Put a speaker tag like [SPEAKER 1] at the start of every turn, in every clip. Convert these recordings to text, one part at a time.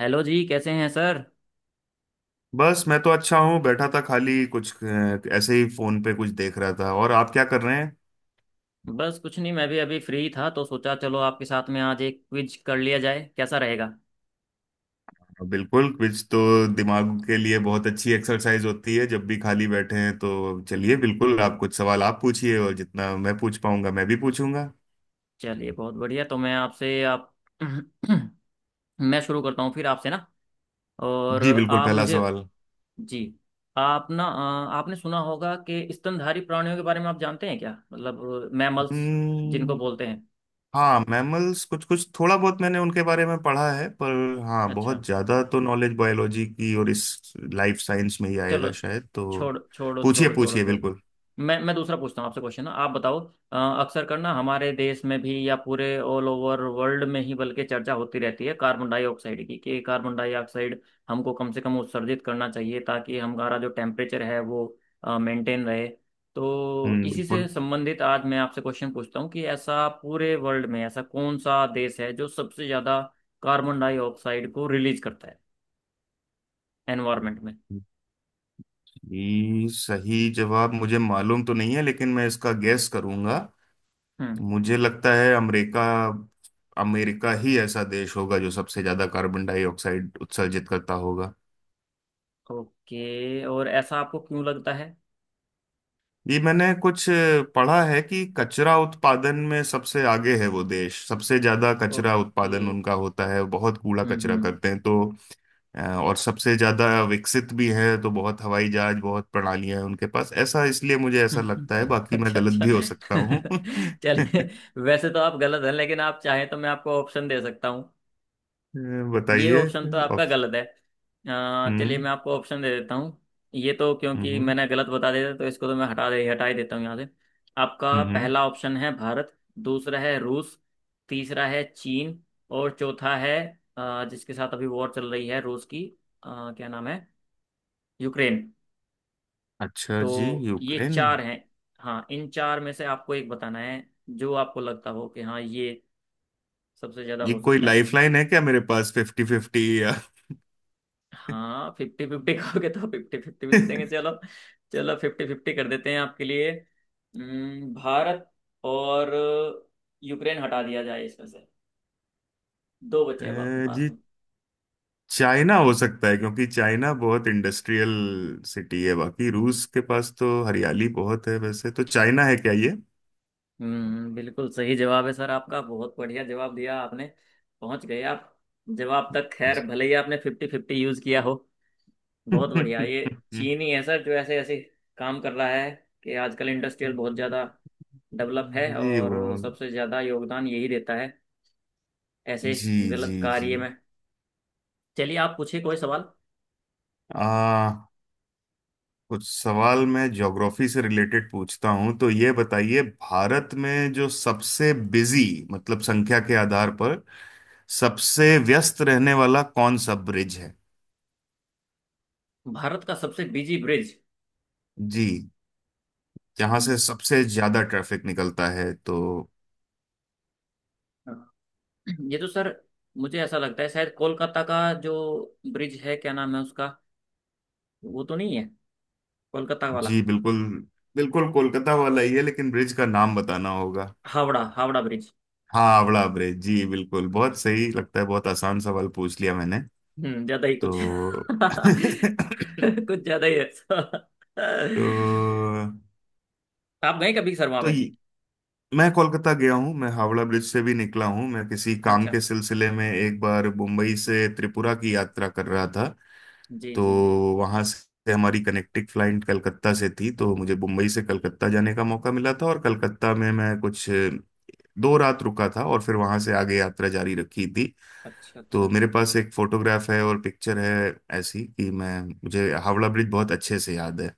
[SPEAKER 1] Hello जी। कैसे हैं सर।
[SPEAKER 2] बस मैं तो अच्छा हूँ, बैठा था। खाली कुछ ऐसे ही फोन पे कुछ देख रहा था। और आप क्या कर रहे हैं?
[SPEAKER 1] बस कुछ नहीं, मैं भी अभी फ्री था तो सोचा चलो आपके साथ में आज एक क्विज कर लिया जाए, कैसा रहेगा।
[SPEAKER 2] बिल्कुल, कुछ तो दिमाग के लिए बहुत अच्छी एक्सरसाइज होती है जब भी खाली बैठे हैं। तो चलिए, बिल्कुल, आप कुछ सवाल आप पूछिए, और जितना मैं पूछ पाऊंगा मैं भी पूछूंगा।
[SPEAKER 1] चलिए बहुत बढ़िया। तो मैं आपसे आप मैं शुरू करता हूँ फिर आपसे ना। और
[SPEAKER 2] जी बिल्कुल,
[SPEAKER 1] आप
[SPEAKER 2] पहला
[SPEAKER 1] मुझे
[SPEAKER 2] सवाल।
[SPEAKER 1] जी आप ना आपने सुना होगा कि स्तनधारी प्राणियों के बारे में आप जानते हैं क्या, मतलब मैमल्स जिनको
[SPEAKER 2] हम्म।
[SPEAKER 1] बोलते हैं।
[SPEAKER 2] हाँ, मैमल्स कुछ कुछ थोड़ा बहुत मैंने उनके बारे में पढ़ा है, पर हाँ,
[SPEAKER 1] अच्छा
[SPEAKER 2] बहुत ज्यादा तो नॉलेज बायोलॉजी की और इस लाइफ साइंस में ही
[SPEAKER 1] चलो
[SPEAKER 2] आएगा शायद। तो
[SPEAKER 1] छोड़ छोड़ो
[SPEAKER 2] पूछिए
[SPEAKER 1] छोड़ो छोड़ो
[SPEAKER 2] पूछिए,
[SPEAKER 1] तो
[SPEAKER 2] बिल्कुल।
[SPEAKER 1] मैं दूसरा पूछता हूँ आपसे क्वेश्चन, आप बताओ। अ, अक्सर करना हमारे देश में भी या पूरे ऑल ओवर वर्ल्ड में ही बल्कि चर्चा होती रहती है कार्बन डाइऑक्साइड की, कि कार्बन डाइऑक्साइड हमको कम से कम उत्सर्जित करना चाहिए ताकि हमारा जो टेम्परेचर है वो मेंटेन रहे। तो
[SPEAKER 2] हम्म,
[SPEAKER 1] इसी से
[SPEAKER 2] बिल्कुल।
[SPEAKER 1] संबंधित आज मैं आपसे क्वेश्चन पूछता हूँ कि ऐसा पूरे वर्ल्ड में ऐसा कौन सा देश है जो सबसे ज़्यादा कार्बन डाइऑक्साइड को रिलीज करता है एनवायरमेंट में।
[SPEAKER 2] ये सही जवाब मुझे मालूम तो नहीं है, लेकिन मैं इसका गैस करूंगा।
[SPEAKER 1] हम्म।
[SPEAKER 2] मुझे लगता है अमेरिका। अमेरिका ही ऐसा देश होगा जो सबसे ज्यादा कार्बन डाइऑक्साइड उत्सर्जित करता होगा।
[SPEAKER 1] ओके, और ऐसा आपको क्यों लगता है।
[SPEAKER 2] ये मैंने कुछ पढ़ा है कि कचरा उत्पादन में सबसे आगे है वो देश। सबसे ज्यादा कचरा
[SPEAKER 1] ओके।
[SPEAKER 2] उत्पादन उनका होता है, बहुत कूड़ा कचरा
[SPEAKER 1] हम्म।
[SPEAKER 2] करते हैं, तो और सबसे ज्यादा विकसित भी है, तो बहुत हवाई जहाज, बहुत प्रणालियां हैं उनके पास। ऐसा इसलिए मुझे ऐसा
[SPEAKER 1] हम्म।
[SPEAKER 2] लगता है, बाकी मैं
[SPEAKER 1] अच्छा
[SPEAKER 2] गलत
[SPEAKER 1] अच्छा।
[SPEAKER 2] भी हो सकता हूँ।
[SPEAKER 1] चलिए, वैसे तो आप गलत हैं, लेकिन आप चाहें तो मैं आपको ऑप्शन दे सकता हूँ। ये
[SPEAKER 2] बताइए।
[SPEAKER 1] ऑप्शन तो आपका
[SPEAKER 2] और-
[SPEAKER 1] गलत है। चलिए
[SPEAKER 2] हम्म।
[SPEAKER 1] मैं आपको ऑप्शन दे देता हूँ। ये तो क्योंकि
[SPEAKER 2] हम्म।
[SPEAKER 1] मैंने गलत बता दिया था, तो इसको तो मैं हटा दे हटा ही देता हूँ यहाँ से। आपका
[SPEAKER 2] हम्म।
[SPEAKER 1] पहला ऑप्शन है भारत, दूसरा है रूस, तीसरा है चीन, और चौथा है जिसके साथ अभी वॉर चल रही है रूस की, क्या नाम है, यूक्रेन।
[SPEAKER 2] अच्छा जी,
[SPEAKER 1] तो ये
[SPEAKER 2] यूक्रेन।
[SPEAKER 1] चार हैं। हाँ इन चार में से आपको एक बताना है जो आपको लगता हो कि हाँ ये सबसे ज्यादा
[SPEAKER 2] ये
[SPEAKER 1] हो
[SPEAKER 2] कोई
[SPEAKER 1] सकता है।
[SPEAKER 2] लाइफलाइन है क्या मेरे पास, फिफ्टी फिफ्टी या?
[SPEAKER 1] हाँ फिफ्टी फिफ्टी कहोगे तो फिफ्टी फिफ्टी भी दे देंगे, चलो। चलो फिफ्टी फिफ्टी कर देते हैं आपके लिए। भारत और यूक्रेन हटा दिया जाए इसमें से, दो बचे अब आपके पास में।
[SPEAKER 2] जी। चाइना हो सकता है, क्योंकि चाइना बहुत इंडस्ट्रियल सिटी है। बाकी रूस के पास तो हरियाली बहुत है। वैसे तो चाइना है क्या ये?
[SPEAKER 1] हम्म, बिल्कुल सही जवाब है सर आपका, बहुत बढ़िया जवाब दिया आपने, पहुंच गए आप जवाब तक, खैर भले ही आपने फिफ्टी फिफ्टी यूज किया हो। बहुत बढ़िया। ये चीन ही है सर जो ऐसे ऐसे काम कर रहा है कि आजकल इंडस्ट्रियल बहुत ज़्यादा डेवलप है
[SPEAKER 2] जी वो।
[SPEAKER 1] और सबसे ज़्यादा योगदान यही देता है ऐसे
[SPEAKER 2] जी जी
[SPEAKER 1] गलत
[SPEAKER 2] जी।
[SPEAKER 1] कार्य में। चलिए आप पूछिए कोई सवाल।
[SPEAKER 2] आ कुछ सवाल मैं ज्योग्राफी से रिलेटेड पूछता हूँ। तो ये बताइए, भारत में जो सबसे बिजी, मतलब संख्या के आधार पर सबसे व्यस्त रहने वाला कौन सा ब्रिज है?
[SPEAKER 1] भारत का सबसे बिजी ब्रिज?
[SPEAKER 2] जी, जहां से सबसे ज्यादा ट्रैफिक निकलता है। तो
[SPEAKER 1] ये तो सर मुझे ऐसा लगता है शायद कोलकाता का जो ब्रिज है, क्या नाम है उसका, वो तो नहीं है कोलकाता वाला?
[SPEAKER 2] जी बिल्कुल, बिल्कुल कोलकाता वाला ही है, लेकिन ब्रिज का नाम बताना होगा।
[SPEAKER 1] हावड़ा, हावड़ा ब्रिज।
[SPEAKER 2] हाँ, हावड़ा ब्रिज, जी बिल्कुल, बहुत सही। लगता है बहुत आसान सवाल पूछ लिया मैंने।
[SPEAKER 1] हम्म, ज़्यादा ही कुछ।
[SPEAKER 2] तो
[SPEAKER 1] कुछ ज़्यादा ही अच्छा।
[SPEAKER 2] तो
[SPEAKER 1] आप गए कभी सर वहाँ
[SPEAKER 2] तो
[SPEAKER 1] पे?
[SPEAKER 2] ये- मैं कोलकाता गया हूँ, मैं हावड़ा ब्रिज से भी निकला हूँ। मैं किसी काम
[SPEAKER 1] अच्छा,
[SPEAKER 2] के सिलसिले में एक बार मुंबई से त्रिपुरा की यात्रा कर रहा था,
[SPEAKER 1] जी
[SPEAKER 2] तो
[SPEAKER 1] जी जी।
[SPEAKER 2] वहां से हमारी कनेक्टिंग फ्लाइट कलकत्ता से थी। तो मुझे मुंबई से कलकत्ता जाने का मौका मिला था, और कलकत्ता में मैं कुछ 2 रात रुका था और फिर वहां से आगे यात्रा जारी रखी थी।
[SPEAKER 1] अच्छा अच्छा।
[SPEAKER 2] तो मेरे पास एक फोटोग्राफ है और पिक्चर है ऐसी, कि मैं मुझे हावड़ा ब्रिज बहुत अच्छे से याद है।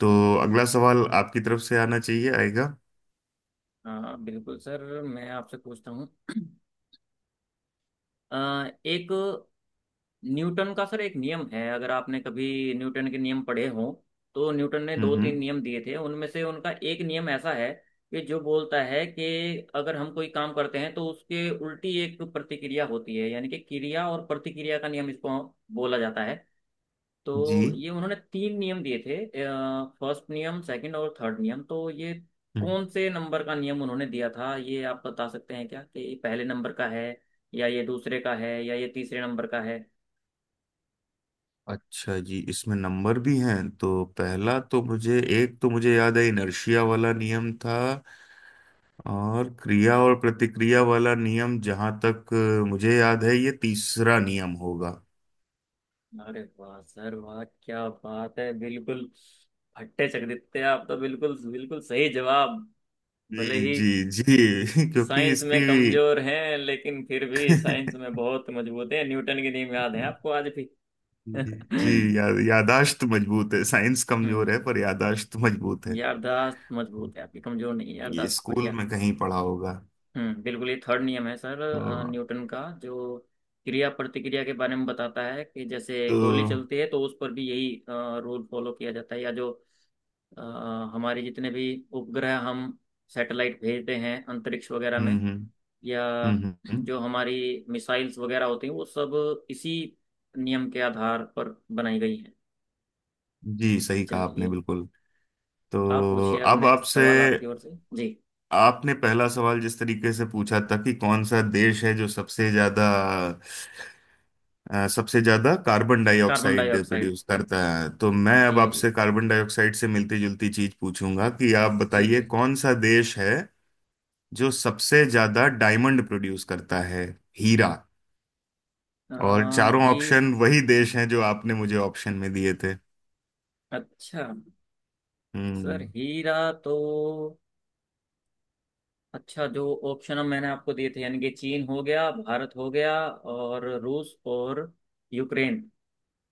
[SPEAKER 2] तो अगला सवाल आपकी तरफ से आना चाहिए, आएगा।
[SPEAKER 1] हाँ बिल्कुल सर, मैं आपसे पूछता हूँ। अ, एक न्यूटन का सर एक नियम है, अगर आपने कभी न्यूटन के नियम पढ़े हों, तो न्यूटन ने दो तीन
[SPEAKER 2] हम्म।
[SPEAKER 1] नियम दिए थे उनमें से उनका एक नियम ऐसा है कि जो बोलता है कि अगर हम कोई काम करते हैं तो उसके उल्टी एक प्रतिक्रिया होती है, यानी कि क्रिया और प्रतिक्रिया का नियम इसको बोला जाता है। तो
[SPEAKER 2] जी।
[SPEAKER 1] ये उन्होंने तीन नियम दिए थे, फर्स्ट नियम, सेकंड और थर्ड नियम, तो ये
[SPEAKER 2] हम्म।
[SPEAKER 1] कौन से नंबर का नियम उन्होंने दिया था, ये आप बता सकते हैं क्या, कि ये पहले नंबर का है या ये दूसरे का है या ये तीसरे नंबर का है।
[SPEAKER 2] अच्छा जी, इसमें नंबर भी हैं, तो पहला तो मुझे, एक तो मुझे याद है इनर्शिया वाला नियम था। और क्रिया और प्रतिक्रिया वाला नियम, जहां तक मुझे याद है, ये तीसरा नियम होगा।
[SPEAKER 1] अरे वाह सर, वाह क्या बात है, बिल्कुल फट्टे चक, आप तो बिल्कुल बिल्कुल सही जवाब, भले
[SPEAKER 2] जी
[SPEAKER 1] ही
[SPEAKER 2] जी जी क्योंकि
[SPEAKER 1] साइंस में
[SPEAKER 2] इसकी
[SPEAKER 1] कमजोर हैं लेकिन फिर भी साइंस में बहुत मजबूत है, न्यूटन के नियम याद है आपको आज भी।
[SPEAKER 2] जी
[SPEAKER 1] हम्म।
[SPEAKER 2] जी, या, यादाश्त मजबूत है, साइंस कमजोर है, पर यादाश्त मजबूत है।
[SPEAKER 1] यारदाश्त
[SPEAKER 2] तो
[SPEAKER 1] मजबूत है आपकी, कमजोर नहीं है
[SPEAKER 2] ये
[SPEAKER 1] यारदाश्त,
[SPEAKER 2] स्कूल
[SPEAKER 1] बढ़िया।
[SPEAKER 2] में कहीं पढ़ा होगा।
[SPEAKER 1] बिल्कुल, ये थर्ड नियम है सर
[SPEAKER 2] तो
[SPEAKER 1] न्यूटन का, जो क्रिया प्रतिक्रिया के बारे में बताता है, कि जैसे
[SPEAKER 2] तो
[SPEAKER 1] गोली
[SPEAKER 2] हम्म
[SPEAKER 1] चलती है तो उस पर भी यही रूल फॉलो किया जाता है, या जो अ, हमारे जितने भी उपग्रह हम सैटेलाइट भेजते हैं अंतरिक्ष वगैरह में,
[SPEAKER 2] हम्म हम्म
[SPEAKER 1] या
[SPEAKER 2] हम्म, हम्म।
[SPEAKER 1] जो हमारी मिसाइल्स वगैरह होती हैं वो सब इसी नियम के आधार पर बनाई गई हैं।
[SPEAKER 2] जी सही कहा आपने,
[SPEAKER 1] चलिए
[SPEAKER 2] बिल्कुल। तो
[SPEAKER 1] आप पूछिए अब
[SPEAKER 2] अब
[SPEAKER 1] नेक्स्ट
[SPEAKER 2] आपसे,
[SPEAKER 1] सवाल आपकी ओर से। जी
[SPEAKER 2] आपने पहला सवाल जिस तरीके से पूछा था कि कौन सा देश है जो सबसे ज्यादा, सबसे ज्यादा carbon
[SPEAKER 1] carbon
[SPEAKER 2] dioxide
[SPEAKER 1] dioxide,
[SPEAKER 2] produce करता है, तो मैं
[SPEAKER 1] जी
[SPEAKER 2] अब
[SPEAKER 1] जी
[SPEAKER 2] आपसे कार्बन डाइऑक्साइड से मिलती जुलती चीज पूछूंगा कि आप
[SPEAKER 1] जी
[SPEAKER 2] बताइए
[SPEAKER 1] जी।
[SPEAKER 2] कौन सा देश है जो सबसे ज्यादा डायमंड प्रोड्यूस करता है, हीरा। और
[SPEAKER 1] आ,
[SPEAKER 2] चारों
[SPEAKER 1] ही।
[SPEAKER 2] ऑप्शन वही देश हैं जो आपने मुझे ऑप्शन में दिए थे।
[SPEAKER 1] अच्छा सर
[SPEAKER 2] हम्म।
[SPEAKER 1] हीरा तो, अच्छा, जो ऑप्शन मैंने आपको दिए थे, यानी कि चीन हो गया, भारत हो गया और रूस और यूक्रेन,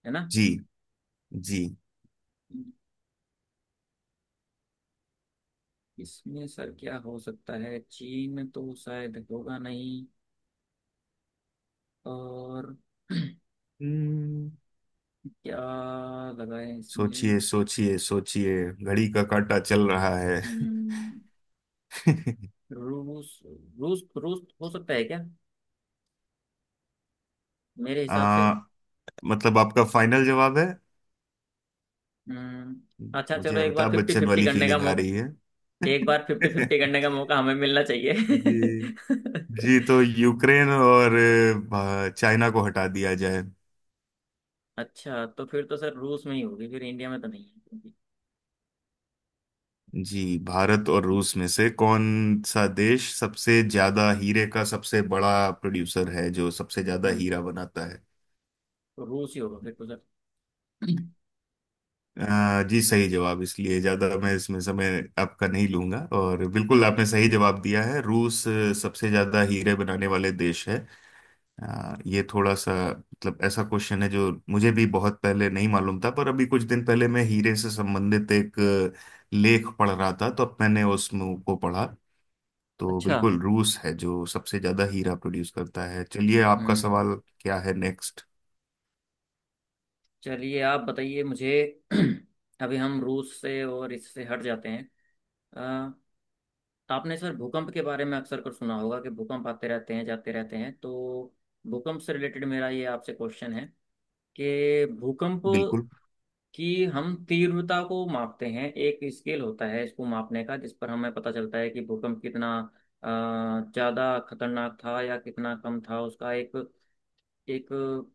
[SPEAKER 1] है ना।
[SPEAKER 2] जी जी।
[SPEAKER 1] इसमें सर क्या हो सकता है, चीन तो शायद होगा नहीं, और
[SPEAKER 2] हम्म।
[SPEAKER 1] क्या लगाए इसमें।
[SPEAKER 2] सोचिए सोचिए सोचिए, घड़ी का काटा चल रहा है।
[SPEAKER 1] हम्म, रूस, रूस हो सकता है क्या, मेरे
[SPEAKER 2] आ,
[SPEAKER 1] हिसाब से।
[SPEAKER 2] मतलब आपका फाइनल जवाब है?
[SPEAKER 1] हम्म, अच्छा
[SPEAKER 2] मुझे
[SPEAKER 1] चलो एक बार
[SPEAKER 2] अमिताभ
[SPEAKER 1] फिफ्टी
[SPEAKER 2] बच्चन
[SPEAKER 1] फिफ्टी
[SPEAKER 2] वाली
[SPEAKER 1] करने का,
[SPEAKER 2] फीलिंग आ रही है।
[SPEAKER 1] एक बार फिफ्टी फिफ्टी करने का मौका हमें मिलना चाहिए।
[SPEAKER 2] जी। जी, तो यूक्रेन और चाइना को हटा दिया जाए।
[SPEAKER 1] अच्छा तो फिर तो सर रूस में ही होगी फिर, इंडिया में तो नहीं है क्योंकि।
[SPEAKER 2] जी, भारत और रूस में से कौन सा देश सबसे ज्यादा हीरे का सबसे बड़ा प्रोड्यूसर है, जो सबसे ज्यादा
[SPEAKER 1] हम्म।
[SPEAKER 2] हीरा बनाता है?
[SPEAKER 1] तो रूस ही होगा फिर तो सर।
[SPEAKER 2] जी सही जवाब, इसलिए ज्यादा मैं इसमें समय आपका नहीं लूंगा, और बिल्कुल
[SPEAKER 1] हम्म।
[SPEAKER 2] आपने सही जवाब दिया है, रूस सबसे ज्यादा हीरे बनाने वाले देश है। यार, ये थोड़ा सा, मतलब ऐसा क्वेश्चन है जो मुझे भी बहुत पहले नहीं मालूम था, पर अभी कुछ दिन पहले मैं हीरे से संबंधित एक लेख पढ़ रहा था, तो अब मैंने उसको पढ़ा। तो
[SPEAKER 1] अच्छा।
[SPEAKER 2] बिल्कुल रूस है जो सबसे ज्यादा हीरा प्रोड्यूस करता है। चलिए, आपका
[SPEAKER 1] हम्म।
[SPEAKER 2] सवाल क्या है नेक्स्ट?
[SPEAKER 1] चलिए आप बताइए मुझे। अभी हम रूस से और इससे हट जाते हैं। अ, तो आपने सर भूकंप के बारे में अक्सर कर सुना होगा कि भूकंप आते रहते हैं जाते रहते हैं, तो भूकंप से रिलेटेड मेरा ये आपसे क्वेश्चन है कि भूकंप
[SPEAKER 2] बिल्कुल।
[SPEAKER 1] कि हम तीव्रता को मापते हैं, एक स्केल होता है इसको मापने का, जिस पर हमें पता चलता है कि भूकंप कितना ज्यादा खतरनाक था या कितना कम था, उसका एक एक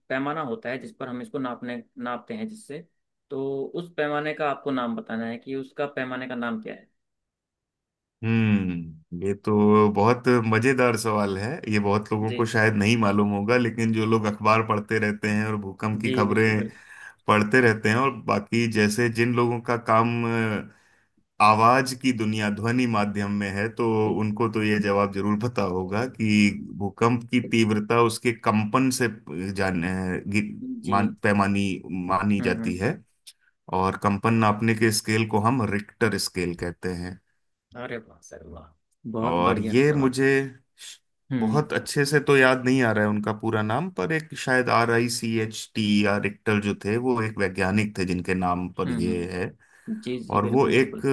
[SPEAKER 1] पैमाना होता है जिस पर हम इसको नापने नापते हैं, जिससे, तो उस पैमाने का आपको नाम बताना है कि उसका पैमाने का नाम क्या है।
[SPEAKER 2] हम्म, ये तो बहुत मजेदार सवाल है, ये बहुत लोगों
[SPEAKER 1] जी
[SPEAKER 2] को शायद नहीं मालूम होगा। लेकिन जो लोग अखबार पढ़ते रहते हैं और भूकंप की
[SPEAKER 1] जी बिल्कुल
[SPEAKER 2] खबरें
[SPEAKER 1] बिल्कुल।
[SPEAKER 2] पढ़ते रहते हैं, और बाकी जैसे जिन लोगों का काम आवाज की दुनिया, ध्वनि माध्यम में है, तो उनको तो ये जवाब जरूर पता होगा कि भूकंप की तीव्रता उसके कंपन से जान गि-
[SPEAKER 1] जी।
[SPEAKER 2] मान, पैमानी मानी जाती
[SPEAKER 1] हम्म।
[SPEAKER 2] है। और कंपन नापने के स्केल को हम रिक्टर स्केल कहते हैं।
[SPEAKER 1] अरे वाह सर, वाह, बहुत
[SPEAKER 2] और
[SPEAKER 1] बढ़िया
[SPEAKER 2] ये
[SPEAKER 1] सवाल।
[SPEAKER 2] मुझे श-
[SPEAKER 1] हम्म
[SPEAKER 2] बहुत अच्छे से तो याद नहीं आ रहा है उनका पूरा नाम, पर एक शायद RICHT, या रिक्टर जो थे, वो एक वैज्ञानिक थे जिनके नाम पर ये
[SPEAKER 1] हम्म।
[SPEAKER 2] है।
[SPEAKER 1] जी जी
[SPEAKER 2] और वो
[SPEAKER 1] बिल्कुल
[SPEAKER 2] एक
[SPEAKER 1] बिल्कुल।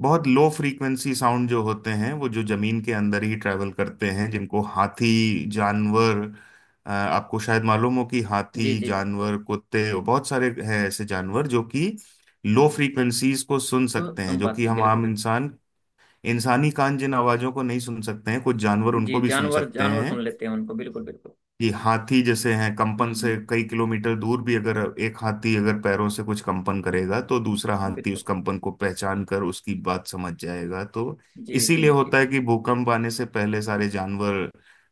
[SPEAKER 2] बहुत लो फ्रीक्वेंसी साउंड जो होते हैं, वो जो जमीन के अंदर ही ट्रैवल करते हैं, जिनको हाथी जानवर, आपको शायद मालूम हो कि हाथी
[SPEAKER 1] जी जी,
[SPEAKER 2] जानवर, कुत्ते, और बहुत सारे हैं ऐसे जानवर जो कि लो फ्रीक्वेंसीज को सुन
[SPEAKER 1] तो
[SPEAKER 2] सकते हैं,
[SPEAKER 1] सुन
[SPEAKER 2] जो कि
[SPEAKER 1] पाते हैं
[SPEAKER 2] हम
[SPEAKER 1] बिल्कुल
[SPEAKER 2] आम
[SPEAKER 1] बिल्कुल।
[SPEAKER 2] इंसान, इंसानी कान जिन आवाजों को नहीं सुन सकते हैं, कुछ जानवर
[SPEAKER 1] जी,
[SPEAKER 2] उनको भी सुन
[SPEAKER 1] जानवर
[SPEAKER 2] सकते
[SPEAKER 1] जानवर सुन
[SPEAKER 2] हैं।
[SPEAKER 1] लेते हैं उनको, बिल्कुल बिल्कुल।
[SPEAKER 2] कि हाथी जैसे हैं, कंपन से
[SPEAKER 1] हम्म।
[SPEAKER 2] कई किलोमीटर दूर भी, अगर एक हाथी अगर पैरों से कुछ कंपन करेगा, तो दूसरा हाथी उस
[SPEAKER 1] बिल्कुल।
[SPEAKER 2] कंपन को पहचान कर उसकी बात समझ जाएगा। तो
[SPEAKER 1] जी जी
[SPEAKER 2] इसीलिए
[SPEAKER 1] जी।
[SPEAKER 2] होता है कि भूकंप आने से पहले सारे जानवर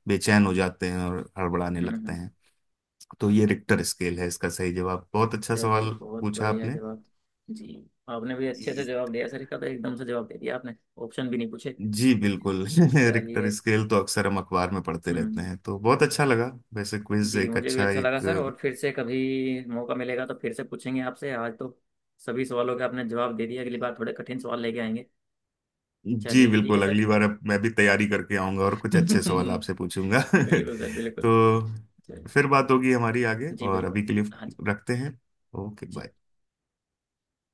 [SPEAKER 2] बेचैन हो जाते हैं और हड़बड़ाने लगते
[SPEAKER 1] हम्म।
[SPEAKER 2] हैं। तो ये रिक्टर स्केल है, इसका सही जवाब, बहुत अच्छा
[SPEAKER 1] चलिए
[SPEAKER 2] सवाल
[SPEAKER 1] बहुत
[SPEAKER 2] पूछा
[SPEAKER 1] बढ़िया
[SPEAKER 2] आपने।
[SPEAKER 1] जवाब। जी आपने भी अच्छे से
[SPEAKER 2] जी
[SPEAKER 1] जवाब दिया सर का, तो एकदम से जवाब दे दिया आपने, ऑप्शन भी नहीं पूछे।
[SPEAKER 2] जी, बिल्कुल। रिक्टर
[SPEAKER 1] चलिए।
[SPEAKER 2] स्केल तो अक्सर हम अखबार में पढ़ते रहते
[SPEAKER 1] हम्म।
[SPEAKER 2] हैं, तो बहुत अच्छा लगा। वैसे क्विज
[SPEAKER 1] जी
[SPEAKER 2] एक
[SPEAKER 1] मुझे भी
[SPEAKER 2] अच्छा
[SPEAKER 1] अच्छा लगा
[SPEAKER 2] एक,
[SPEAKER 1] सर, और फिर से कभी मौका मिलेगा तो फिर से पूछेंगे आपसे, आज तो सभी सवालों के आपने जवाब दे दिया, अगली बार थोड़े कठिन सवाल लेके आएंगे।
[SPEAKER 2] जी
[SPEAKER 1] चलिए ठीक है
[SPEAKER 2] बिल्कुल,
[SPEAKER 1] सर।
[SPEAKER 2] अगली बार अब मैं भी तैयारी करके आऊंगा और कुछ अच्छे सवाल
[SPEAKER 1] बिल्कुल
[SPEAKER 2] आपसे पूछूंगा।
[SPEAKER 1] सर, बिल्कुल।
[SPEAKER 2] तो
[SPEAKER 1] चलिए।
[SPEAKER 2] फिर बात होगी हमारी आगे,
[SPEAKER 1] जी
[SPEAKER 2] और
[SPEAKER 1] बिल्कुल।
[SPEAKER 2] अभी के लिए
[SPEAKER 1] हाँ जी।
[SPEAKER 2] रखते हैं। ओके
[SPEAKER 1] जी।
[SPEAKER 2] बाय।